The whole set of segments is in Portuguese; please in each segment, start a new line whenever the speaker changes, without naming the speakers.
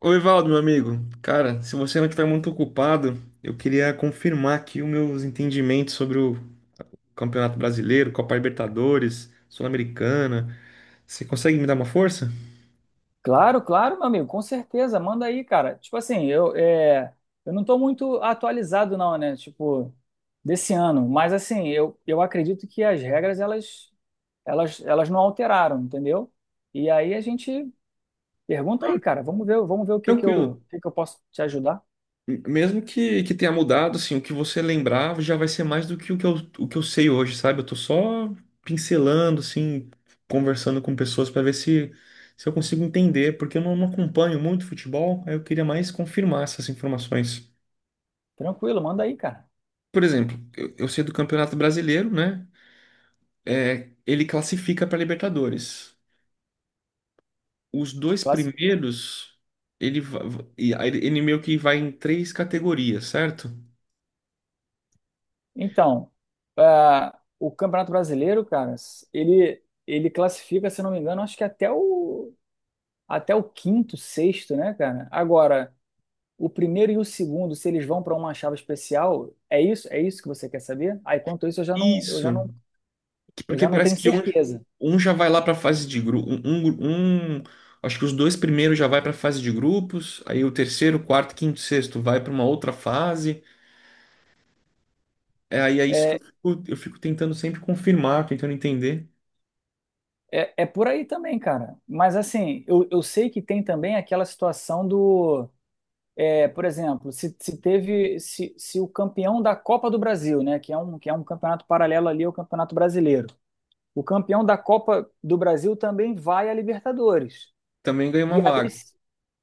Oi, Valdo, meu amigo. Cara, se você não estiver muito ocupado, eu queria confirmar aqui os meus entendimentos sobre o Campeonato Brasileiro, Copa Libertadores, Sul-Americana. Você consegue me dar uma força?
Claro, claro, meu amigo, com certeza, manda aí, cara. Tipo assim, eu não tô muito atualizado não, né? Tipo, desse ano, mas assim, eu acredito que as regras, elas não alteraram, entendeu? E aí a gente pergunta aí, cara, vamos ver o que que eu, o
Tranquilo.
que que eu posso te ajudar.
Mesmo que tenha mudado, assim, o que você lembrava já vai ser mais do que o que eu sei hoje, sabe? Eu tô só pincelando, assim, conversando com pessoas para ver se eu consigo entender, porque eu não, não acompanho muito futebol, aí eu queria mais confirmar essas informações.
Tranquilo, manda aí, cara.
Por exemplo, eu sei do Campeonato Brasileiro, né? É, ele classifica para Libertadores. Os dois
Classi-
primeiros, e aí ele meio que vai em três categorias, certo?
Então, ah, o Campeonato Brasileiro, cara, ele classifica, se eu não me engano, acho que até o quinto, sexto, né, cara? Agora, o primeiro e o segundo, se eles vão para uma chave especial, é isso? É isso que você quer saber? Aí, quanto isso, eu já não, eu
Isso.
já não, eu
Porque
já não
parece
tenho
que um,
certeza.
um já vai lá para fase de grupo. Acho que os dois primeiros já vai para fase de grupos. Aí o terceiro, quarto, quinto, sexto vai para uma outra fase. É, aí é isso que
É,
eu fico tentando sempre confirmar, tentando entender.
é, por aí também, cara. Mas assim, eu sei que tem também aquela situação do, por exemplo, se teve, se o campeão da Copa do Brasil, né, que é um campeonato paralelo ali ao Campeonato Brasileiro, o campeão da Copa do Brasil também vai à Libertadores.
Também ganha uma
E aí.
vaga.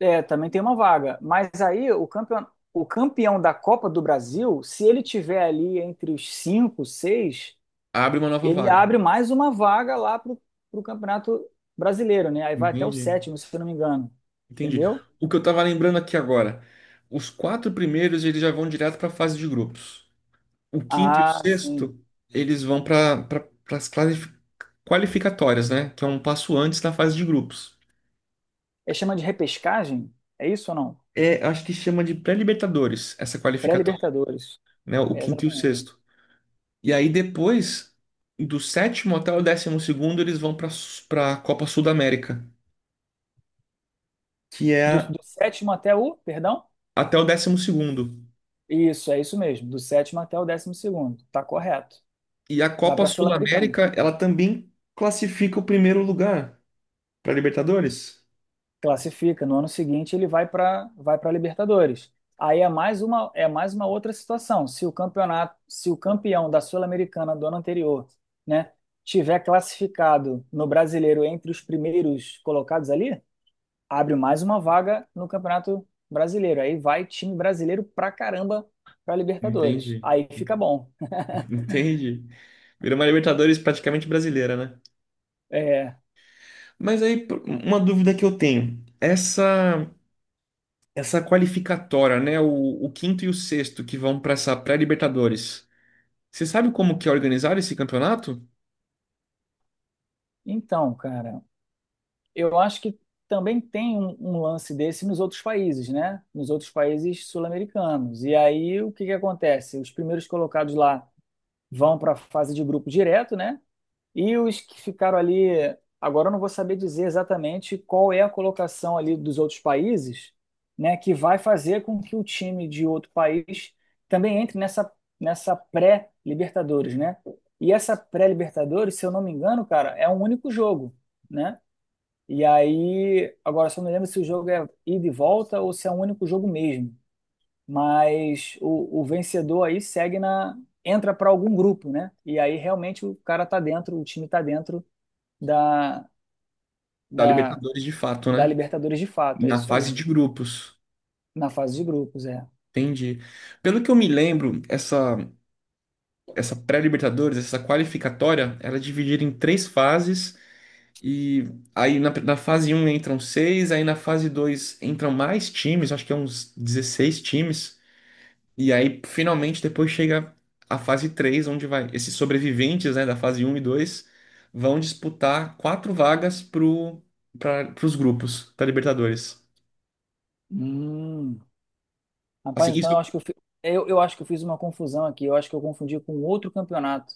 É, também tem uma vaga. Mas aí o campeão da Copa do Brasil, se ele tiver ali entre os cinco, seis,
Abre uma nova
ele
vaga.
abre mais uma vaga lá pro Campeonato Brasileiro, né? Aí vai até o
Entendi.
sétimo, se eu não me engano.
Entendi.
Entendeu?
O que eu tava lembrando aqui agora, os quatro primeiros eles já vão direto para a fase de grupos. O quinto e o
Ah, sim.
sexto, eles vão para pra, as qualificatórias, né? Que é um passo antes da fase de grupos.
É chama de repescagem? É isso ou não?
É, acho que chama de pré-libertadores essa qualificatória,
Pré-Libertadores.
né? O
É
quinto e o
exatamente.
sexto. E aí depois, do sétimo até o décimo segundo, eles vão para a Copa Sul-América, que
Do,
é
do sétimo até o, perdão?
até o décimo segundo.
Isso, é isso mesmo. Do sétimo até o 12º. Tá correto.
E a
Vai
Copa
para a Sul-Americana.
Sul-América, ela também classifica o primeiro lugar. Pra Libertadores?
Classifica. No ano seguinte ele vai para Libertadores. Aí é mais uma outra situação. Se o campeão da Sul-Americana do ano anterior, né, tiver classificado no Brasileiro entre os primeiros colocados ali, abre mais uma vaga no Campeonato Brasileiro. Aí vai time brasileiro pra caramba para Libertadores.
Entendi.
Aí fica bom.
Entendi. Virou uma Libertadores praticamente brasileira, né?
É,
Mas aí, uma dúvida que eu tenho. Essa qualificatória, né? O quinto e o sexto que vão para essa pré-Libertadores. Você sabe como que é organizar esse campeonato?
então, cara, eu acho que também tem um lance desse nos outros países, né? Nos outros países sul-americanos. E aí o que que acontece? Os primeiros colocados lá vão para a fase de grupo direto, né? E os que ficaram ali, agora eu não vou saber dizer exatamente qual é a colocação ali dos outros países, né? Que vai fazer com que o time de outro país também entre nessa pré-Libertadores, né? E essa pré-Libertadores, se eu não me engano, cara, é um único jogo, né? E aí, agora só não lembro se o jogo é ida e volta ou se é um único jogo mesmo. Mas o vencedor aí segue na, entra para algum grupo, né? E aí realmente o cara tá dentro, o time tá dentro da,
Da
da,
Libertadores de fato,
da
né?
Libertadores de fato, é
Na
isso
fase
aí.
de grupos.
Na fase de grupos, é.
Entendi. Pelo que eu me lembro, essa pré-Libertadores, essa qualificatória, ela é dividida em três fases. E aí na fase um entram seis, aí na fase 2 entram mais times, acho que é uns 16 times. E aí finalmente depois chega a fase 3, onde vai esses sobreviventes, né, da fase um e 2 vão disputar quatro vagas pro para os grupos da Libertadores.
Hum.
Assim,
Rapaz, então
isso
eu acho que eu fiz uma confusão aqui. Eu acho que eu confundi com outro campeonato.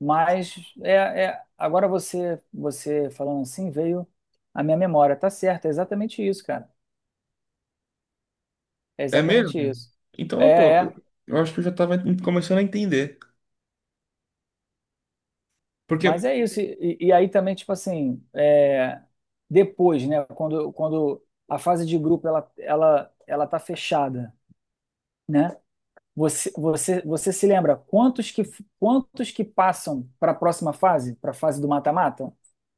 Mas agora você falando assim veio a minha memória. Tá certo, é exatamente isso, cara. É
é
exatamente
mesmo?
isso. É,
Então, pô,
é.
eu acho que eu já tava começando a entender.
Mas
Porque
é isso. E aí também, tipo assim, depois, né? Quando a fase de grupo ela tá fechada, né? Você se lembra quantos que passam para a próxima fase, para a fase do mata-mata?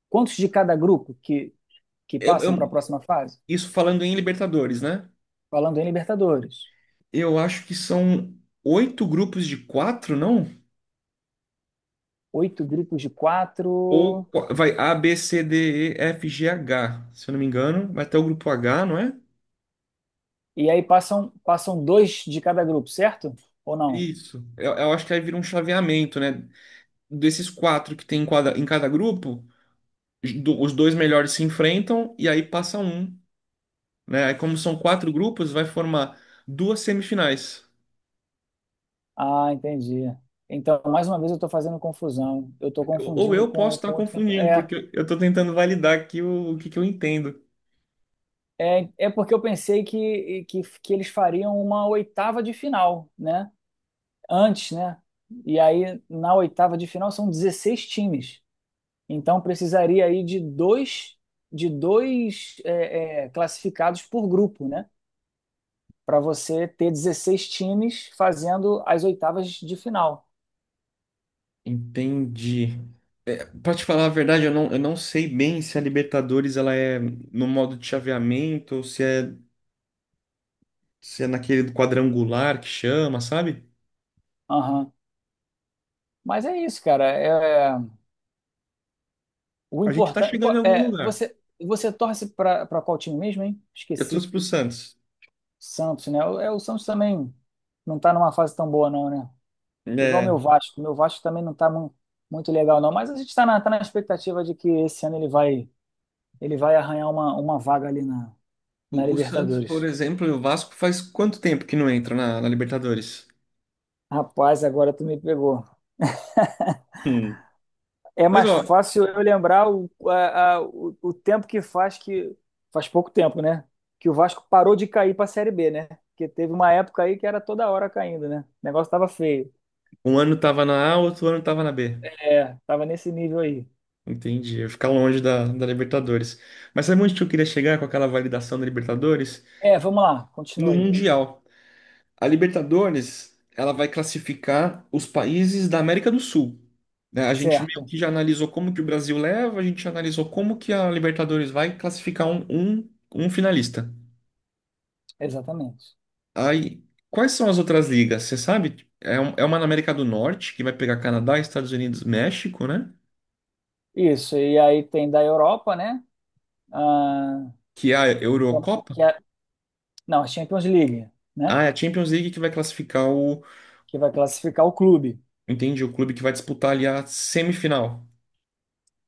Quantos de cada grupo que
eu,
passam para a
eu-
próxima fase?
isso falando em Libertadores, né?
Falando em Libertadores.
Eu acho que são oito grupos de quatro, não?
Oito grupos de quatro.
Vai A, B, C, D, E, F, G, H, se eu não me engano. Vai até o grupo H, não é?
E aí passam dois de cada grupo, certo? Ou não?
Isso. Eu acho que aí vira um chaveamento, né? Desses quatro que tem em cada grupo, os dois melhores se enfrentam e aí passa um, né? Aí como são quatro grupos, vai formar duas semifinais.
Ah, entendi. Então, mais uma vez, eu estou fazendo confusão. Eu estou
Ou
confundindo
eu posso
com,
estar
com outro campeonato.
confundindo,
É,
porque eu estou tentando validar aqui o que que eu entendo.
é, é porque eu pensei que eles fariam uma oitava de final, né? Antes, né? E aí, na oitava de final, são 16 times. Então, precisaria aí de dois classificados por grupo, né? Para você ter 16 times fazendo as oitavas de final.
Entendi. Pra te falar a verdade, eu não sei bem se a Libertadores ela é no modo de chaveamento ou se é, se é naquele quadrangular que chama, sabe?
Aham. Mas é isso, cara. É, o
A gente tá
importante.
chegando em algum
É,
lugar.
você torce para qual time mesmo, hein?
Eu
Esqueci.
torço pro Santos.
Santos, né? É, o Santos também não tá numa fase tão boa, não, né? Igual
É,
meu Vasco. Meu Vasco também não tá muito legal, não. Mas a gente tá na expectativa de que esse ano ele vai arranhar uma vaga ali na
o Santos, por
Libertadores.
exemplo, e o Vasco faz quanto tempo que não entra na Libertadores?
Rapaz, agora tu me pegou.
Hum.
É
Mas
mais
ó,
fácil eu lembrar o, a- o tempo que. Faz pouco tempo, né? Que o Vasco parou de cair para a Série B, né? Porque teve uma época aí que era toda hora caindo, né? O negócio tava feio.
um ano tava na A, outro ano tava na B.
É, tava nesse nível aí.
Entendi. Eu ficar longe da Libertadores. Mas sabe onde que eu queria chegar com aquela validação da Libertadores?
É, vamos lá,
No
continue aí.
Mundial. A Libertadores, ela vai classificar os países da América do Sul. Né? A gente meio
Certo,
que já analisou como que o Brasil leva, a gente já analisou como que a Libertadores vai classificar um finalista.
exatamente.
Aí, quais são as outras ligas? Você sabe? É, é uma na América do Norte, que vai pegar Canadá, Estados Unidos, México, né?
Isso, e aí tem da Europa, né? Ah,
Que é a Eurocopa.
que é- não, a Champions League, né?
Ah, é a Champions League que vai classificar o,
Que vai classificar o clube.
entendi, o clube que vai disputar ali a semifinal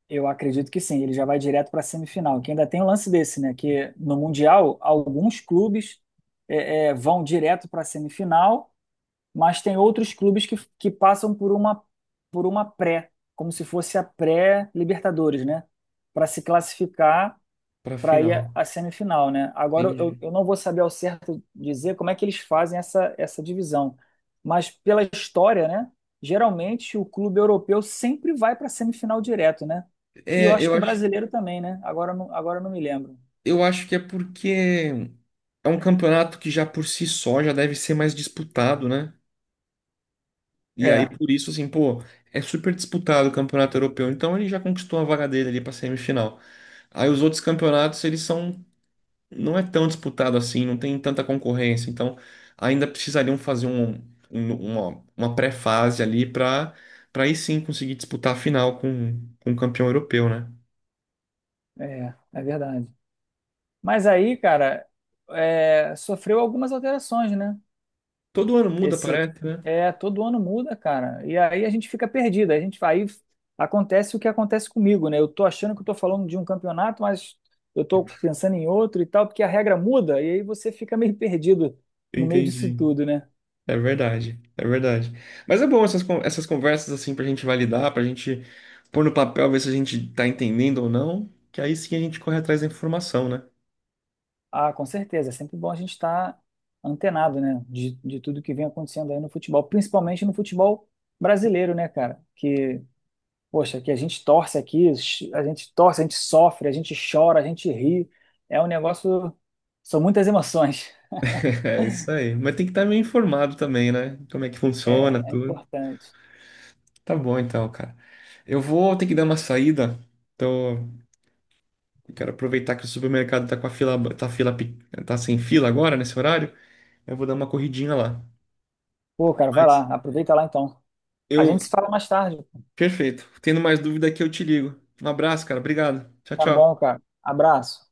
Eu acredito que sim, ele já vai direto para a semifinal. Que ainda tem um lance desse, né? Que no Mundial, alguns clubes vão direto para a semifinal, mas tem outros clubes que passam por uma pré, como se fosse a pré-Libertadores, né? Para se classificar
para
para ir
final.
à semifinal, né? Agora eu,
Entendi.
eu não vou saber ao certo dizer como é que eles fazem essa divisão, mas pela história, né? Geralmente o clube europeu sempre vai para a semifinal direto, né? E eu
É,
acho que o brasileiro também, né? Agora eu não me lembro.
eu acho que é porque é um campeonato que já por si só já deve ser mais disputado, né? E aí
É,
por isso assim, pô, é super disputado o campeonato europeu. Então ele já conquistou a vaga dele ali para semifinal. Aí os outros campeonatos eles são não é tão disputado assim, não tem tanta concorrência. Então ainda precisariam fazer um, uma pré-fase ali para aí sim conseguir disputar a final com o campeão europeu, né?
é, verdade. Mas aí, cara, sofreu algumas alterações, né?
Todo ano muda,
Esse
parece, né?
é todo ano muda, cara. E aí a gente fica perdido. A gente aí acontece o que acontece comigo, né? Eu tô achando que eu tô falando de um campeonato, mas eu tô pensando em outro e tal, porque a regra muda e aí você fica meio perdido no meio disso
Entendi.
tudo, né?
É verdade, é verdade. Mas é bom essas, essas conversas assim pra gente validar, pra gente pôr no papel, ver se a gente tá entendendo ou não, que aí sim a gente corre atrás da informação, né?
Ah, com certeza. É sempre bom a gente estar antenado, né? De tudo que vem acontecendo aí no futebol, principalmente no futebol brasileiro, né, cara? Que poxa, que a gente torce aqui, a gente torce, a gente sofre, a gente chora, a gente ri. É um negócio. São muitas emoções.
É isso aí. Mas tem que estar meio informado também, né? Como é que
É,
funciona,
é
tudo.
importante.
Tá bom então, cara. Eu vou ter que dar uma saída. Então, eu quero aproveitar que o supermercado tá com a fila, tá fila, pe- tá sem fila agora nesse horário. Eu vou dar uma corridinha lá.
Pô, cara, vai
Mas
lá, aproveita lá então. A gente
eu,
se fala mais tarde.
perfeito. Tendo mais dúvida aqui, eu te ligo. Um abraço, cara. Obrigado. Tchau,
Tá bom,
tchau.
cara. Abraço.